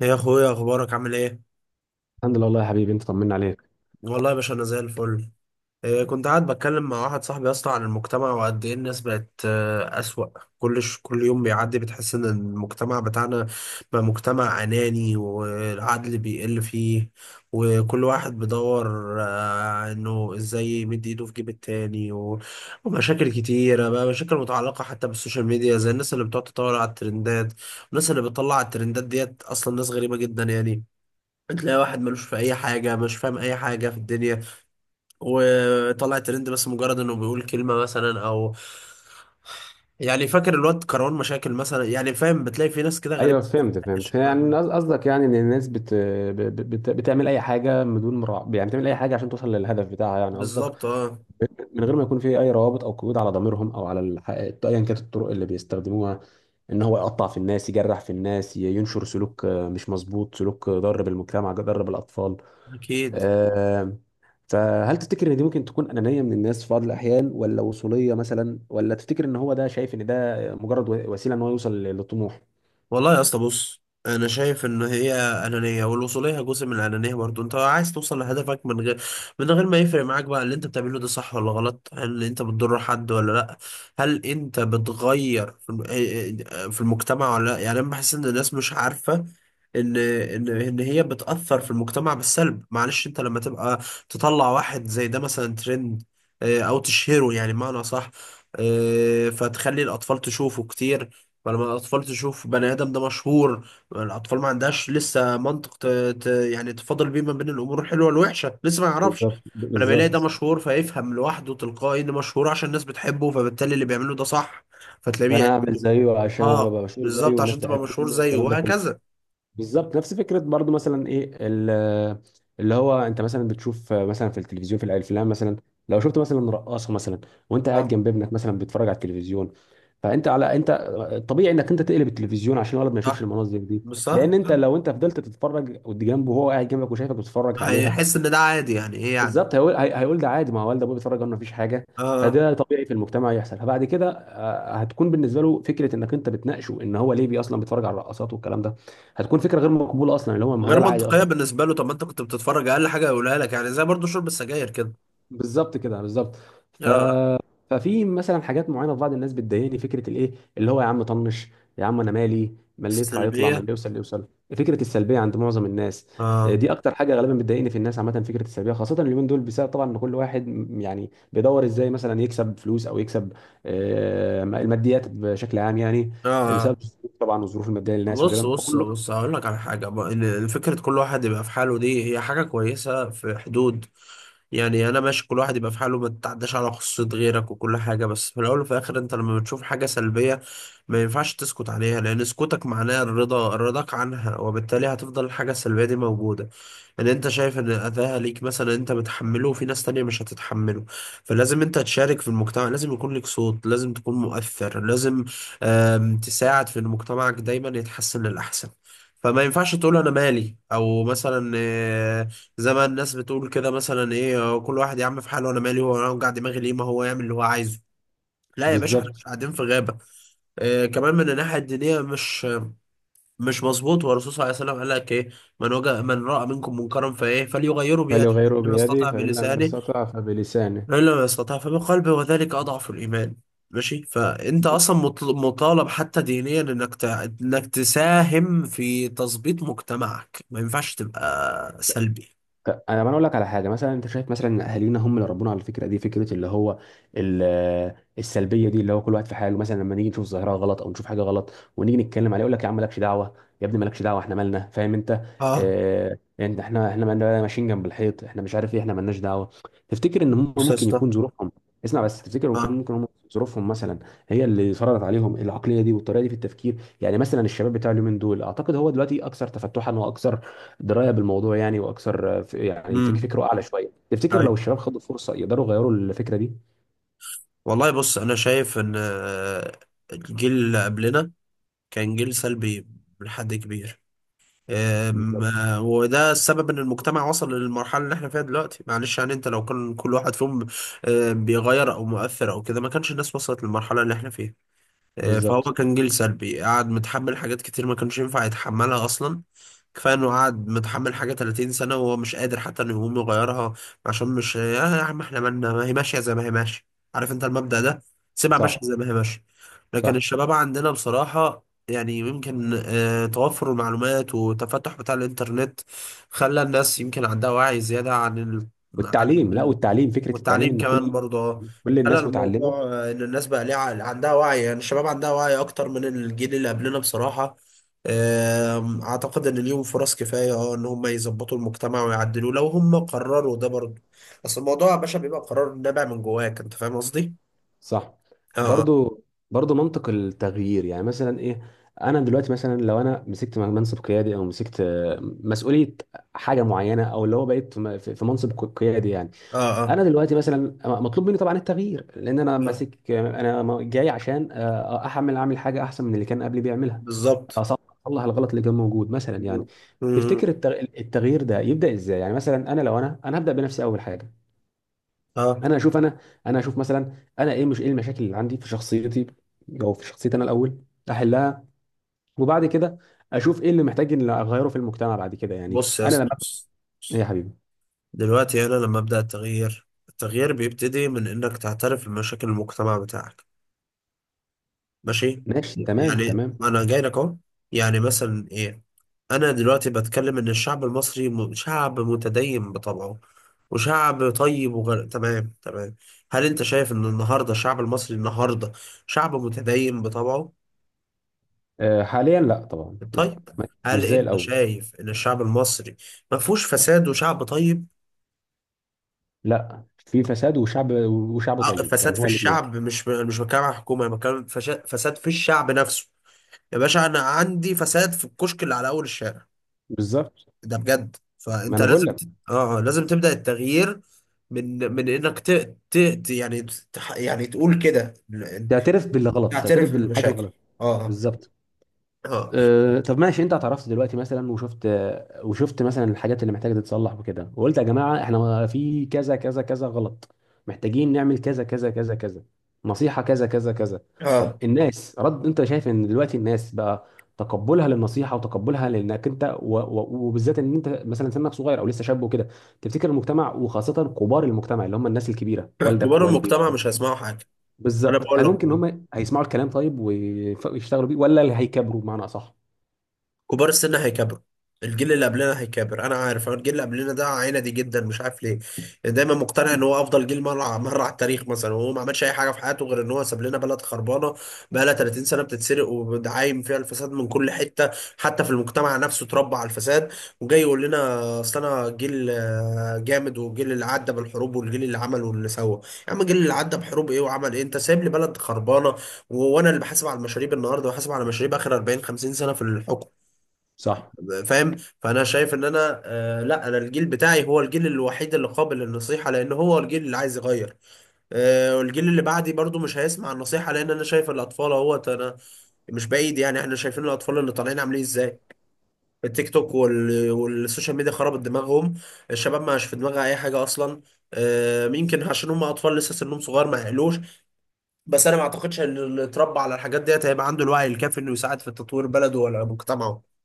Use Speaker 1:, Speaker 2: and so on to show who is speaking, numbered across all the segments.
Speaker 1: يا اخويا، اخبارك عامل ايه؟
Speaker 2: الحمد لله والله يا حبيبي انت طمنا عليك.
Speaker 1: والله يا باشا انا زي الفل. إيه، كنت قاعد بتكلم مع واحد صاحبي يا اسطى عن المجتمع وقد ايه الناس بقت اسوأ. كل يوم بيعدي بتحس ان المجتمع بتاعنا بقى مجتمع اناني، والعدل بيقل فيه، وكل واحد بيدور انه ازاي يمد ايده في جيب التاني ومشاكل كتيرة بقى، مشاكل متعلقة حتى بالسوشيال ميديا، زي الناس اللي بتقعد تطور على الترندات، والناس اللي بتطلع على الترندات ديت اصلا ناس غريبة جدا يعني. تلاقي واحد ملوش في اي حاجه، مش فاهم اي حاجه في الدنيا، وطلع ترند بس مجرد انه بيقول كلمه مثلا، او يعني فاكر الواد كروان مشاكل مثلا، يعني فاهم، بتلاقي في ناس كده غريبه.
Speaker 2: ايوه، فهمت يعني قصدك يعني ان الناس بتعمل اي حاجه بدون مراع، يعني بتعمل اي حاجه عشان توصل للهدف بتاعها، يعني قصدك
Speaker 1: بالظبط، اه.
Speaker 2: من غير ما يكون في اي روابط او قيود على ضميرهم او على ايا كانت الطرق اللي بيستخدموها ان هو يقطع في الناس، يجرح في الناس، ينشر سلوك مش مظبوط، سلوك ضار بالمجتمع ضار بالاطفال.
Speaker 1: اكيد.
Speaker 2: آه، فهل تفتكر ان دي ممكن تكون انانيه من الناس في بعض الاحيان، ولا وصوليه مثلا، ولا تفتكر ان هو ده شايف ان ده مجرد وسيله ان هو يوصل للطموح؟
Speaker 1: والله يا اسطى بص، انا شايف ان هي انانيه، والوصوليه جزء من الانانيه برضو. انت عايز توصل لهدفك من غير ما يفرق معاك بقى اللي انت بتعمله ده صح ولا غلط، هل انت بتضر حد ولا لا، هل انت بتغير في في المجتمع ولا لا. يعني انا بحس ان الناس مش عارفه ان هي بتاثر في المجتمع بالسلب. معلش، انت لما تبقى تطلع واحد زي ده مثلا ترند او تشهره، يعني معنى صح، فتخلي الاطفال تشوفه كتير. فلما الأطفال تشوف بني آدم ده مشهور، الأطفال ما عندهاش لسه منطق يعني تفاضل بيه ما بين الأمور الحلوة والوحشة، لسه ما يعرفش.
Speaker 2: بالظبط
Speaker 1: فلما بيلاقي ده
Speaker 2: بالظبط
Speaker 1: مشهور، فيفهم لوحده تلقائي إن مشهور عشان الناس بتحبه، فبالتالي اللي بيعمله ده صح. فتلاقيه
Speaker 2: فانا
Speaker 1: يعني.
Speaker 2: اعمل زيه عشان
Speaker 1: آه
Speaker 2: ابقى مشهور زيه
Speaker 1: بالظبط،
Speaker 2: والناس
Speaker 1: عشان تبقى مشهور
Speaker 2: تحبني
Speaker 1: زيه
Speaker 2: والكلام ده كله.
Speaker 1: وهكذا.
Speaker 2: بالظبط، نفس فكره برضو. مثلا ايه، اللي هو انت مثلا بتشوف مثلا في التلفزيون، في الافلام مثلا، لو شفت مثلا رقاصه مثلا، وانت قاعد
Speaker 1: اه.
Speaker 2: جنب ابنك مثلا بيتفرج على التلفزيون، فانت على انت طبيعي انك انت تقلب التلفزيون عشان الولد ما يشوفش
Speaker 1: صح،
Speaker 2: المناظر دي.
Speaker 1: مش صح؟
Speaker 2: لان انت لو انت فضلت تتفرج جنبه وهو قاعد جنبك وشايفك بتتفرج عليها،
Speaker 1: هيحس إن ده عادي، يعني إيه يعني.
Speaker 2: بالظبط هيقول هيقول ده عادي، ما هو والد ابوه بيتفرج عنه مفيش حاجه.
Speaker 1: آه آه.
Speaker 2: فده طبيعي في المجتمع يحصل. فبعد كده هتكون بالنسبه له فكره انك انت بتناقشه ان هو ليه بي اصلا بيتفرج على الرقصات والكلام ده، هتكون فكره غير مقبوله اصلا، اللي هو ما هو ده
Speaker 1: غير
Speaker 2: العادي
Speaker 1: منطقية
Speaker 2: اصلا.
Speaker 1: بالنسبة له. طب ما أنت كنت بتتفرج، أقل حاجة يقولها لك، يعني زي برضو شرب السجاير كده.
Speaker 2: بالظبط كده، بالظبط. ف
Speaker 1: آه.
Speaker 2: ففي مثلا حاجات معينه في بعض الناس بتضايقني، فكره الايه اللي هو يا عم طنش، يا عم انا مالي، ما اللي يطلع يطلع، ما
Speaker 1: سلبية.
Speaker 2: اللي يوصل اللي يوصل، فكره السلبيه عند معظم الناس.
Speaker 1: آه.
Speaker 2: دي اكتر حاجه غالبا بتضايقني في الناس عامه، فكره السلبيه، خاصه اليومين دول، بسبب طبعا ان كل واحد يعني بيدور ازاي مثلا يكسب فلوس او يكسب الماديات بشكل عام يعني.
Speaker 1: اه.
Speaker 2: بسبب طبعا الظروف الماديه للناس
Speaker 1: بص
Speaker 2: وكده
Speaker 1: بص
Speaker 2: فكله
Speaker 1: بص، هقول لك على حاجة بقى، فكرة كل واحد يبقى في حاله دي هي حاجة كويسة في حدود. يعني انا ماشي كل واحد يبقى في حاله، ما تتعداش على خصوصية غيرك وكل حاجة، بس في الاول وفي الاخر انت لما بتشوف حاجة سلبية ما ينفعش تسكت عليها، لان سكوتك معناه الرضا، رضاك عنها، وبالتالي هتفضل الحاجة السلبية دي موجودة. ان انت شايف ان اذاها ليك مثلا انت بتحمله، وفي ناس تانية مش هتتحمله. فلازم انت تشارك في المجتمع، لازم يكون لك صوت، لازم تكون مؤثر، لازم تساعد في ان مجتمعك دايما يتحسن للأحسن. فما ينفعش تقول انا مالي، او مثلا زي ما الناس بتقول كده مثلا ايه، كل واحد يا عم في حاله، انا مالي، هو انا وجع دماغي ليه، ما هو يعمل اللي هو عايزه. لا يا باشا، احنا مش
Speaker 2: بالظبط.
Speaker 1: قاعدين في غابة. آه، كمان من الناحية الدينية مش مظبوط. والرسول صلى الله عليه وسلم قال لك ايه؟ من وجد، من رأى منكم منكرا فليغيره بيده،
Speaker 2: فليغيره
Speaker 1: لما يستطع
Speaker 2: بيده، فان لم
Speaker 1: بلسانه،
Speaker 2: يستطع فبلسانه.
Speaker 1: فإن لم يستطع فبقلبه، وذلك أضعف الإيمان. ماشي، فانت اصلا مطالب حتى دينيا انك انك تساهم في تظبيط مجتمعك، ما ينفعش تبقى سلبي.
Speaker 2: انا ما اقول لك على حاجه، مثلا انت شايف مثلا ان اهالينا هم اللي ربونا على الفكره دي، فكره اللي هو السلبيه دي، اللي هو كل واحد في حاله. مثلا لما نيجي نشوف ظاهره غلط او نشوف حاجه غلط ونيجي نتكلم عليها يقول لك يا عم مالكش دعوه، يا ابني مالكش دعوه، احنا مالنا، فاهم انت؟
Speaker 1: اه.
Speaker 2: اه، انت احنا، احنا مالنا ماشيين جنب الحيط، احنا مش عارف ايه، احنا مالناش دعوه. تفتكر ان هم
Speaker 1: بص يا
Speaker 2: ممكن
Speaker 1: اسطى.
Speaker 2: يكون ظروفهم، اسمع بس، تفتكر ممكن، ممكن هم ظروفهم مثلا هي اللي فرضت عليهم العقليه دي والطريقه دي في التفكير؟ يعني مثلا الشباب بتاع اليومين دول اعتقد هو دلوقتي اكثر تفتحا واكثر درايه بالموضوع يعني، واكثر يعني
Speaker 1: امم.
Speaker 2: فكره اعلى شويه. تفتكر لو
Speaker 1: ايوه.
Speaker 2: الشباب خدوا فرصه يقدروا يغيروا الفكره دي؟
Speaker 1: والله بص انا شايف ان الجيل اللي قبلنا كان جيل سلبي لحد كبير. أم،
Speaker 2: بالظبط
Speaker 1: آه، وده السبب ان المجتمع وصل للمرحله اللي احنا فيها دلوقتي. معلش يعني انت لو كان كل واحد فيهم بيغير او مؤثر او كده، ما كانش الناس وصلت للمرحله اللي احنا فيها. فهو
Speaker 2: بالظبط.
Speaker 1: كان جيل سلبي، قعد متحمل حاجات كتير ما كانش ينفع يتحملها اصلا. كفايه انه قعد متحمل حاجه 30 سنه وهو مش قادر حتى انه يقوم يغيرها، عشان مش يا عم احنا مالنا، ما هي ماشيه زي ما هي ماشيه، عارف انت المبدأ ده، سيبها ماشيه
Speaker 2: صح
Speaker 1: زي ما هي ماشيه. لكن
Speaker 2: صح.
Speaker 1: الشباب عندنا بصراحه، يعني يمكن توفر المعلومات والتفتح بتاع الانترنت خلى الناس يمكن عندها وعي زياده عن
Speaker 2: والتعليم، لا
Speaker 1: ال...
Speaker 2: والتعليم، فكره التعليم
Speaker 1: والتعليم
Speaker 2: ان
Speaker 1: كمان
Speaker 2: كل
Speaker 1: برضه،
Speaker 2: كل
Speaker 1: خلى
Speaker 2: الناس
Speaker 1: الموضوع
Speaker 2: متعلمه.
Speaker 1: ان الناس بقى عندها وعي، يعني الشباب عندها وعي اكتر من الجيل اللي قبلنا بصراحة. اعتقد ان ليهم فرص كفاية اه ان هم يظبطوا المجتمع ويعدلوه لو هم قرروا ده برضه. اصل الموضوع يا باشا بيبقى قرار نابع من جواك، انت فاهم قصدي؟
Speaker 2: صح.
Speaker 1: اه اه.
Speaker 2: برضو برضو منطق التغيير، يعني مثلا ايه، انا دلوقتي مثلا لو انا مسكت منصب قيادي او مسكت مسؤوليه حاجه معينه، او اللي هو بقيت في منصب قيادي يعني،
Speaker 1: اه اه.
Speaker 2: انا دلوقتي مثلا مطلوب مني طبعا التغيير، لان انا
Speaker 1: آه،
Speaker 2: ماسك، انا جاي عشان آه، احمل اعمل حاجه احسن من اللي كان قبلي بيعملها.
Speaker 1: بالظبط.
Speaker 2: اصلح، أصلح الغلط اللي كان موجود مثلا يعني.
Speaker 1: مم. مم.
Speaker 2: تفتكر التغيير ده يبدا ازاي؟ يعني مثلا انا لو انا هبدا بنفسي اول حاجه.
Speaker 1: اه،
Speaker 2: انا اشوف انا، انا اشوف مثلا، انا ايه، مش ايه المشاكل اللي عندي في شخصيتي او في شخصيتي انا الاول، احلها، وبعد كده اشوف ايه اللي محتاج ان اغيره في المجتمع بعد كده، يعني
Speaker 1: بص يا
Speaker 2: انا لما.
Speaker 1: اسطى بص.
Speaker 2: يا حبيبي،
Speaker 1: دلوقتي انا لما ابدا التغيير، التغيير بيبتدي من انك تعترف بمشاكل المجتمع بتاعك. ماشي.
Speaker 2: ماشي تمام
Speaker 1: يعني
Speaker 2: تمام.
Speaker 1: ما انا جاي لك اهو. يعني مثلا ايه؟ انا دلوقتي بتكلم ان الشعب المصري شعب متدين بطبعه وشعب طيب وغير، تمام تمام. هل انت شايف ان النهارده الشعب المصري النهارده شعب متدين بطبعه؟
Speaker 2: حاليا لا طبعا لا.
Speaker 1: طيب.
Speaker 2: مش
Speaker 1: هل
Speaker 2: زي
Speaker 1: انت
Speaker 2: الاول.
Speaker 1: شايف ان الشعب المصري ما فيهوش فساد وشعب طيب؟
Speaker 2: لا، في فساد وشعب، وشعب طيب
Speaker 1: فساد
Speaker 2: يعني،
Speaker 1: في
Speaker 2: هو الاثنين.
Speaker 1: الشعب، مش بتكلم عن الحكومه، أنا بتكلم فساد في الشعب نفسه. يا باشا انا عندي فساد في الكشك اللي على اول الشارع،
Speaker 2: بالظبط،
Speaker 1: ده بجد.
Speaker 2: ما
Speaker 1: فانت
Speaker 2: انا
Speaker 1: لازم
Speaker 2: بقول لك،
Speaker 1: اه اه، لازم تبدا التغيير من انك يعني يعني تقول كده
Speaker 2: تعترف باللي غلط، تعترف
Speaker 1: تعترف
Speaker 2: بالحاجه
Speaker 1: بالمشاكل.
Speaker 2: الغلط.
Speaker 1: اه.
Speaker 2: بالظبط.
Speaker 1: اه.
Speaker 2: أه، طب ماشي، انت اعترفت دلوقتي مثلا وشفت، وشفت مثلا الحاجات اللي محتاجه تتصلح وكده، وقلت يا جماعه احنا في كذا كذا كذا غلط، محتاجين نعمل كذا كذا كذا كذا، نصيحه كذا كذا كذا. طب
Speaker 1: اه.
Speaker 2: الناس، رد، انت شايف ان دلوقتي الناس بقى تقبلها للنصيحه وتقبلها لانك انت وبالذات ان انت مثلا سنك صغير او لسه شاب وكده، تفتكر المجتمع وخاصه كبار المجتمع اللي هم الناس الكبيره، والدك
Speaker 1: كبار
Speaker 2: ووالدي
Speaker 1: المجتمع
Speaker 2: وعم،
Speaker 1: مش هيسمعوا حاجه. انا
Speaker 2: بالظبط،
Speaker 1: بقول
Speaker 2: هل
Speaker 1: لك
Speaker 2: ممكن ان هم هيسمعوا الكلام طيب ويف- ويشتغلوا بيه، ولا اللي هيكبروا بمعنى اصح؟
Speaker 1: كبار السن هيكبروا، الجيل اللي قبلنا هيكبر. انا عارف أنا الجيل اللي قبلنا ده عينه دي جدا، مش عارف ليه يعني، دايما مقتنع ان هو افضل جيل مره مره على التاريخ مثلا، وهو ما عملش اي حاجه في حياته غير ان هو ساب لنا بلد خربانه بقى لها 30 سنه بتتسرق، وعايم فيها الفساد من كل حته، حتى في المجتمع نفسه اتربى على الفساد. وجاي يقول لنا اصل انا جيل جامد، والجيل اللي عدى بالحروب، والجيل اللي عمل واللي سوى. يا عم، الجيل اللي عدى بحروب ايه وعمل ايه؟ انت سايب لي بلد خربانه، وانا اللي بحاسب على المشاريب النهارده، وحاسب على مشاريب اخر 40 50 سنه في الحكم.
Speaker 2: صح.
Speaker 1: فاهم؟ فانا شايف ان انا آه، لا، انا الجيل بتاعي هو الجيل الوحيد اللي قابل للنصيحه، لان هو الجيل اللي عايز يغير. آه، والجيل اللي بعدي برضو مش هيسمع النصيحه، لان انا شايف الاطفال اهوت انا، مش بعيد يعني، احنا شايفين الاطفال اللي طالعين عاملين ازاي. التيك توك والسوشيال ميديا خربت دماغهم. الشباب ما عادش في دماغها اي حاجه اصلا. آه، يمكن عشان هم اطفال لسه سنهم صغير ما يعقلوش، بس انا ما اعتقدش ان اللي اتربى على الحاجات ديت هيبقى عنده الوعي الكافي انه يساعد في تطوير بلده ولا مجتمعه،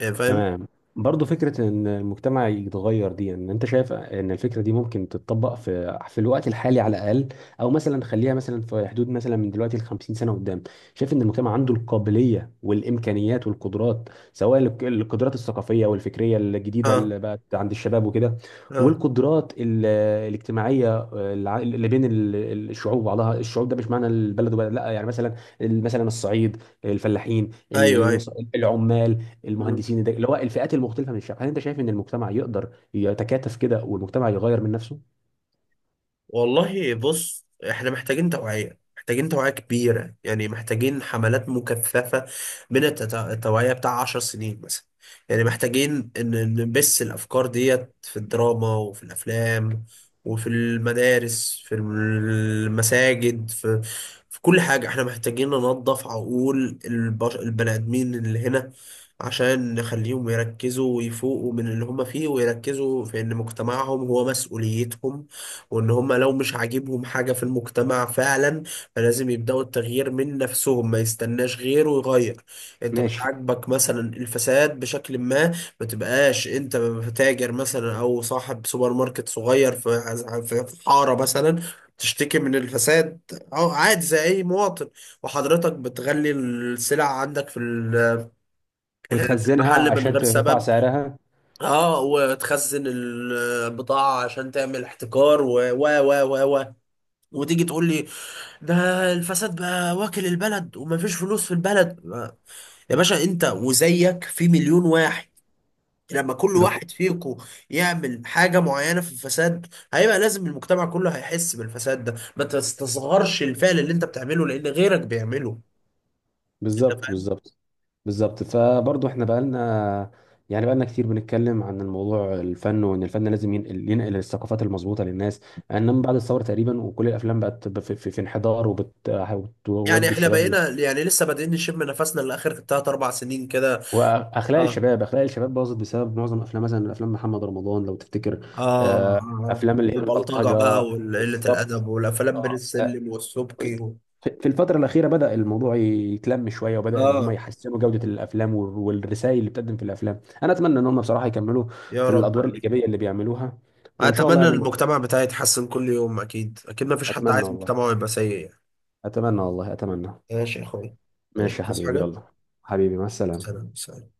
Speaker 1: يعني فاهم.
Speaker 2: تمام. برضه فكرة إن المجتمع يتغير دي، يعني أنت شايف إن الفكرة دي ممكن تتطبق في الوقت الحالي على الأقل، أو مثلا خليها مثلا في حدود، مثلا من دلوقتي ل 50 سنة قدام، شايف إن المجتمع عنده القابلية والإمكانيات والقدرات، سواء القدرات الثقافية والفكرية الجديدة
Speaker 1: اه
Speaker 2: اللي بقت عند الشباب وكده،
Speaker 1: اه.
Speaker 2: والقدرات الاجتماعية اللي بين الشعوب بعضها، الشعوب ده مش معنى البلد وبلد لا، يعني مثلا، مثلا الصعيد، الفلاحين،
Speaker 1: ايوه ايوه.
Speaker 2: العمال،
Speaker 1: مم.
Speaker 2: المهندسين، اللي هو الفئات المختلفه من الشعب، هل انت شايف ان المجتمع يقدر يتكاتف كده والمجتمع يغير من نفسه؟
Speaker 1: والله بص احنا محتاجين توعية، محتاجين توعية كبيرة، يعني محتاجين حملات مكثفة من التوعية بتاع 10 سنين مثلا، يعني محتاجين ان نبث الأفكار ديت في الدراما وفي الأفلام وفي المدارس، في المساجد، في كل حاجة. احنا محتاجين ننظف عقول البني آدمين اللي هنا، عشان نخليهم يركزوا ويفوقوا من اللي هم فيه، ويركزوا في ان مجتمعهم هو مسؤوليتهم، وان هم لو مش عاجبهم حاجة في المجتمع فعلا، فلازم يبدأوا التغيير من نفسهم، ما يستناش غيره يغير. انت مش
Speaker 2: ماشي.
Speaker 1: عاجبك مثلا الفساد بشكل ما، ما تبقاش انت تاجر مثلا او صاحب سوبر ماركت صغير في حارة مثلا، تشتكي من الفساد، اه عادي زي اي مواطن، وحضرتك بتغلي السلع عندك في
Speaker 2: وتخزنها
Speaker 1: المحل من
Speaker 2: عشان
Speaker 1: غير
Speaker 2: ترفع
Speaker 1: سبب،
Speaker 2: سعرها.
Speaker 1: اه، وتخزن البضاعة عشان تعمل احتكار و وتيجي تقول لي ده الفساد بقى واكل البلد ومفيش فلوس في البلد. يا باشا انت وزيك في مليون واحد، لما كل
Speaker 2: لو ك-
Speaker 1: واحد فيكم يعمل حاجة معينة في الفساد هيبقى لازم المجتمع كله هيحس بالفساد ده. ما تستصغرش الفعل اللي انت بتعمله لان غيرك بيعمله. انت
Speaker 2: بالظبط
Speaker 1: فاهم؟
Speaker 2: بالظبط. بالظبط، فبرضه احنا بقالنا، يعني بقالنا كتير بنتكلم عن الموضوع، الفن، وان الفن لازم ينقل، ينقل الثقافات المظبوطه للناس، انما بعد الثوره تقريبا وكل الافلام بقت في انحدار،
Speaker 1: يعني
Speaker 2: وبتودي
Speaker 1: احنا
Speaker 2: الشباب،
Speaker 1: بقينا يعني لسه بادئين نشم نفسنا لاخر 3-4 سنين كده.
Speaker 2: واخلاق
Speaker 1: اه
Speaker 2: الشباب اخلاق الشباب باظت بسبب معظم افلام، مثلا افلام محمد رمضان لو تفتكر.
Speaker 1: اه اه،
Speaker 2: افلام اللي هي
Speaker 1: والبلطجة بقى
Speaker 2: البلطجه،
Speaker 1: وقلة
Speaker 2: بالظبط.
Speaker 1: الادب والافلام بين
Speaker 2: آه، آه،
Speaker 1: السلم
Speaker 2: في
Speaker 1: والسبكي و...
Speaker 2: الفتره الاخيره بدا الموضوع يتلم شويه، وبدا ان هم
Speaker 1: اه.
Speaker 2: يحسنوا جوده الافلام والرسائل اللي بتقدم في الافلام. انا اتمنى ان هم بصراحه يكملوا في
Speaker 1: يا رب،
Speaker 2: الادوار الايجابيه اللي بيعملوها، وان شاء الله
Speaker 1: اتمنى
Speaker 2: يعني.
Speaker 1: المجتمع بتاعي يتحسن كل يوم، اكيد اكيد ما فيش حد
Speaker 2: اتمنى
Speaker 1: عايز
Speaker 2: والله،
Speaker 1: مجتمعه يبقى سيء يعني.
Speaker 2: اتمنى والله اتمنى.
Speaker 1: ماشي يا اخويا. ماشي،
Speaker 2: ماشي يا
Speaker 1: تصحى
Speaker 2: حبيبي،
Speaker 1: حاجه؟
Speaker 2: يلا. حبيبي، مع السلامه.
Speaker 1: سلام سلام.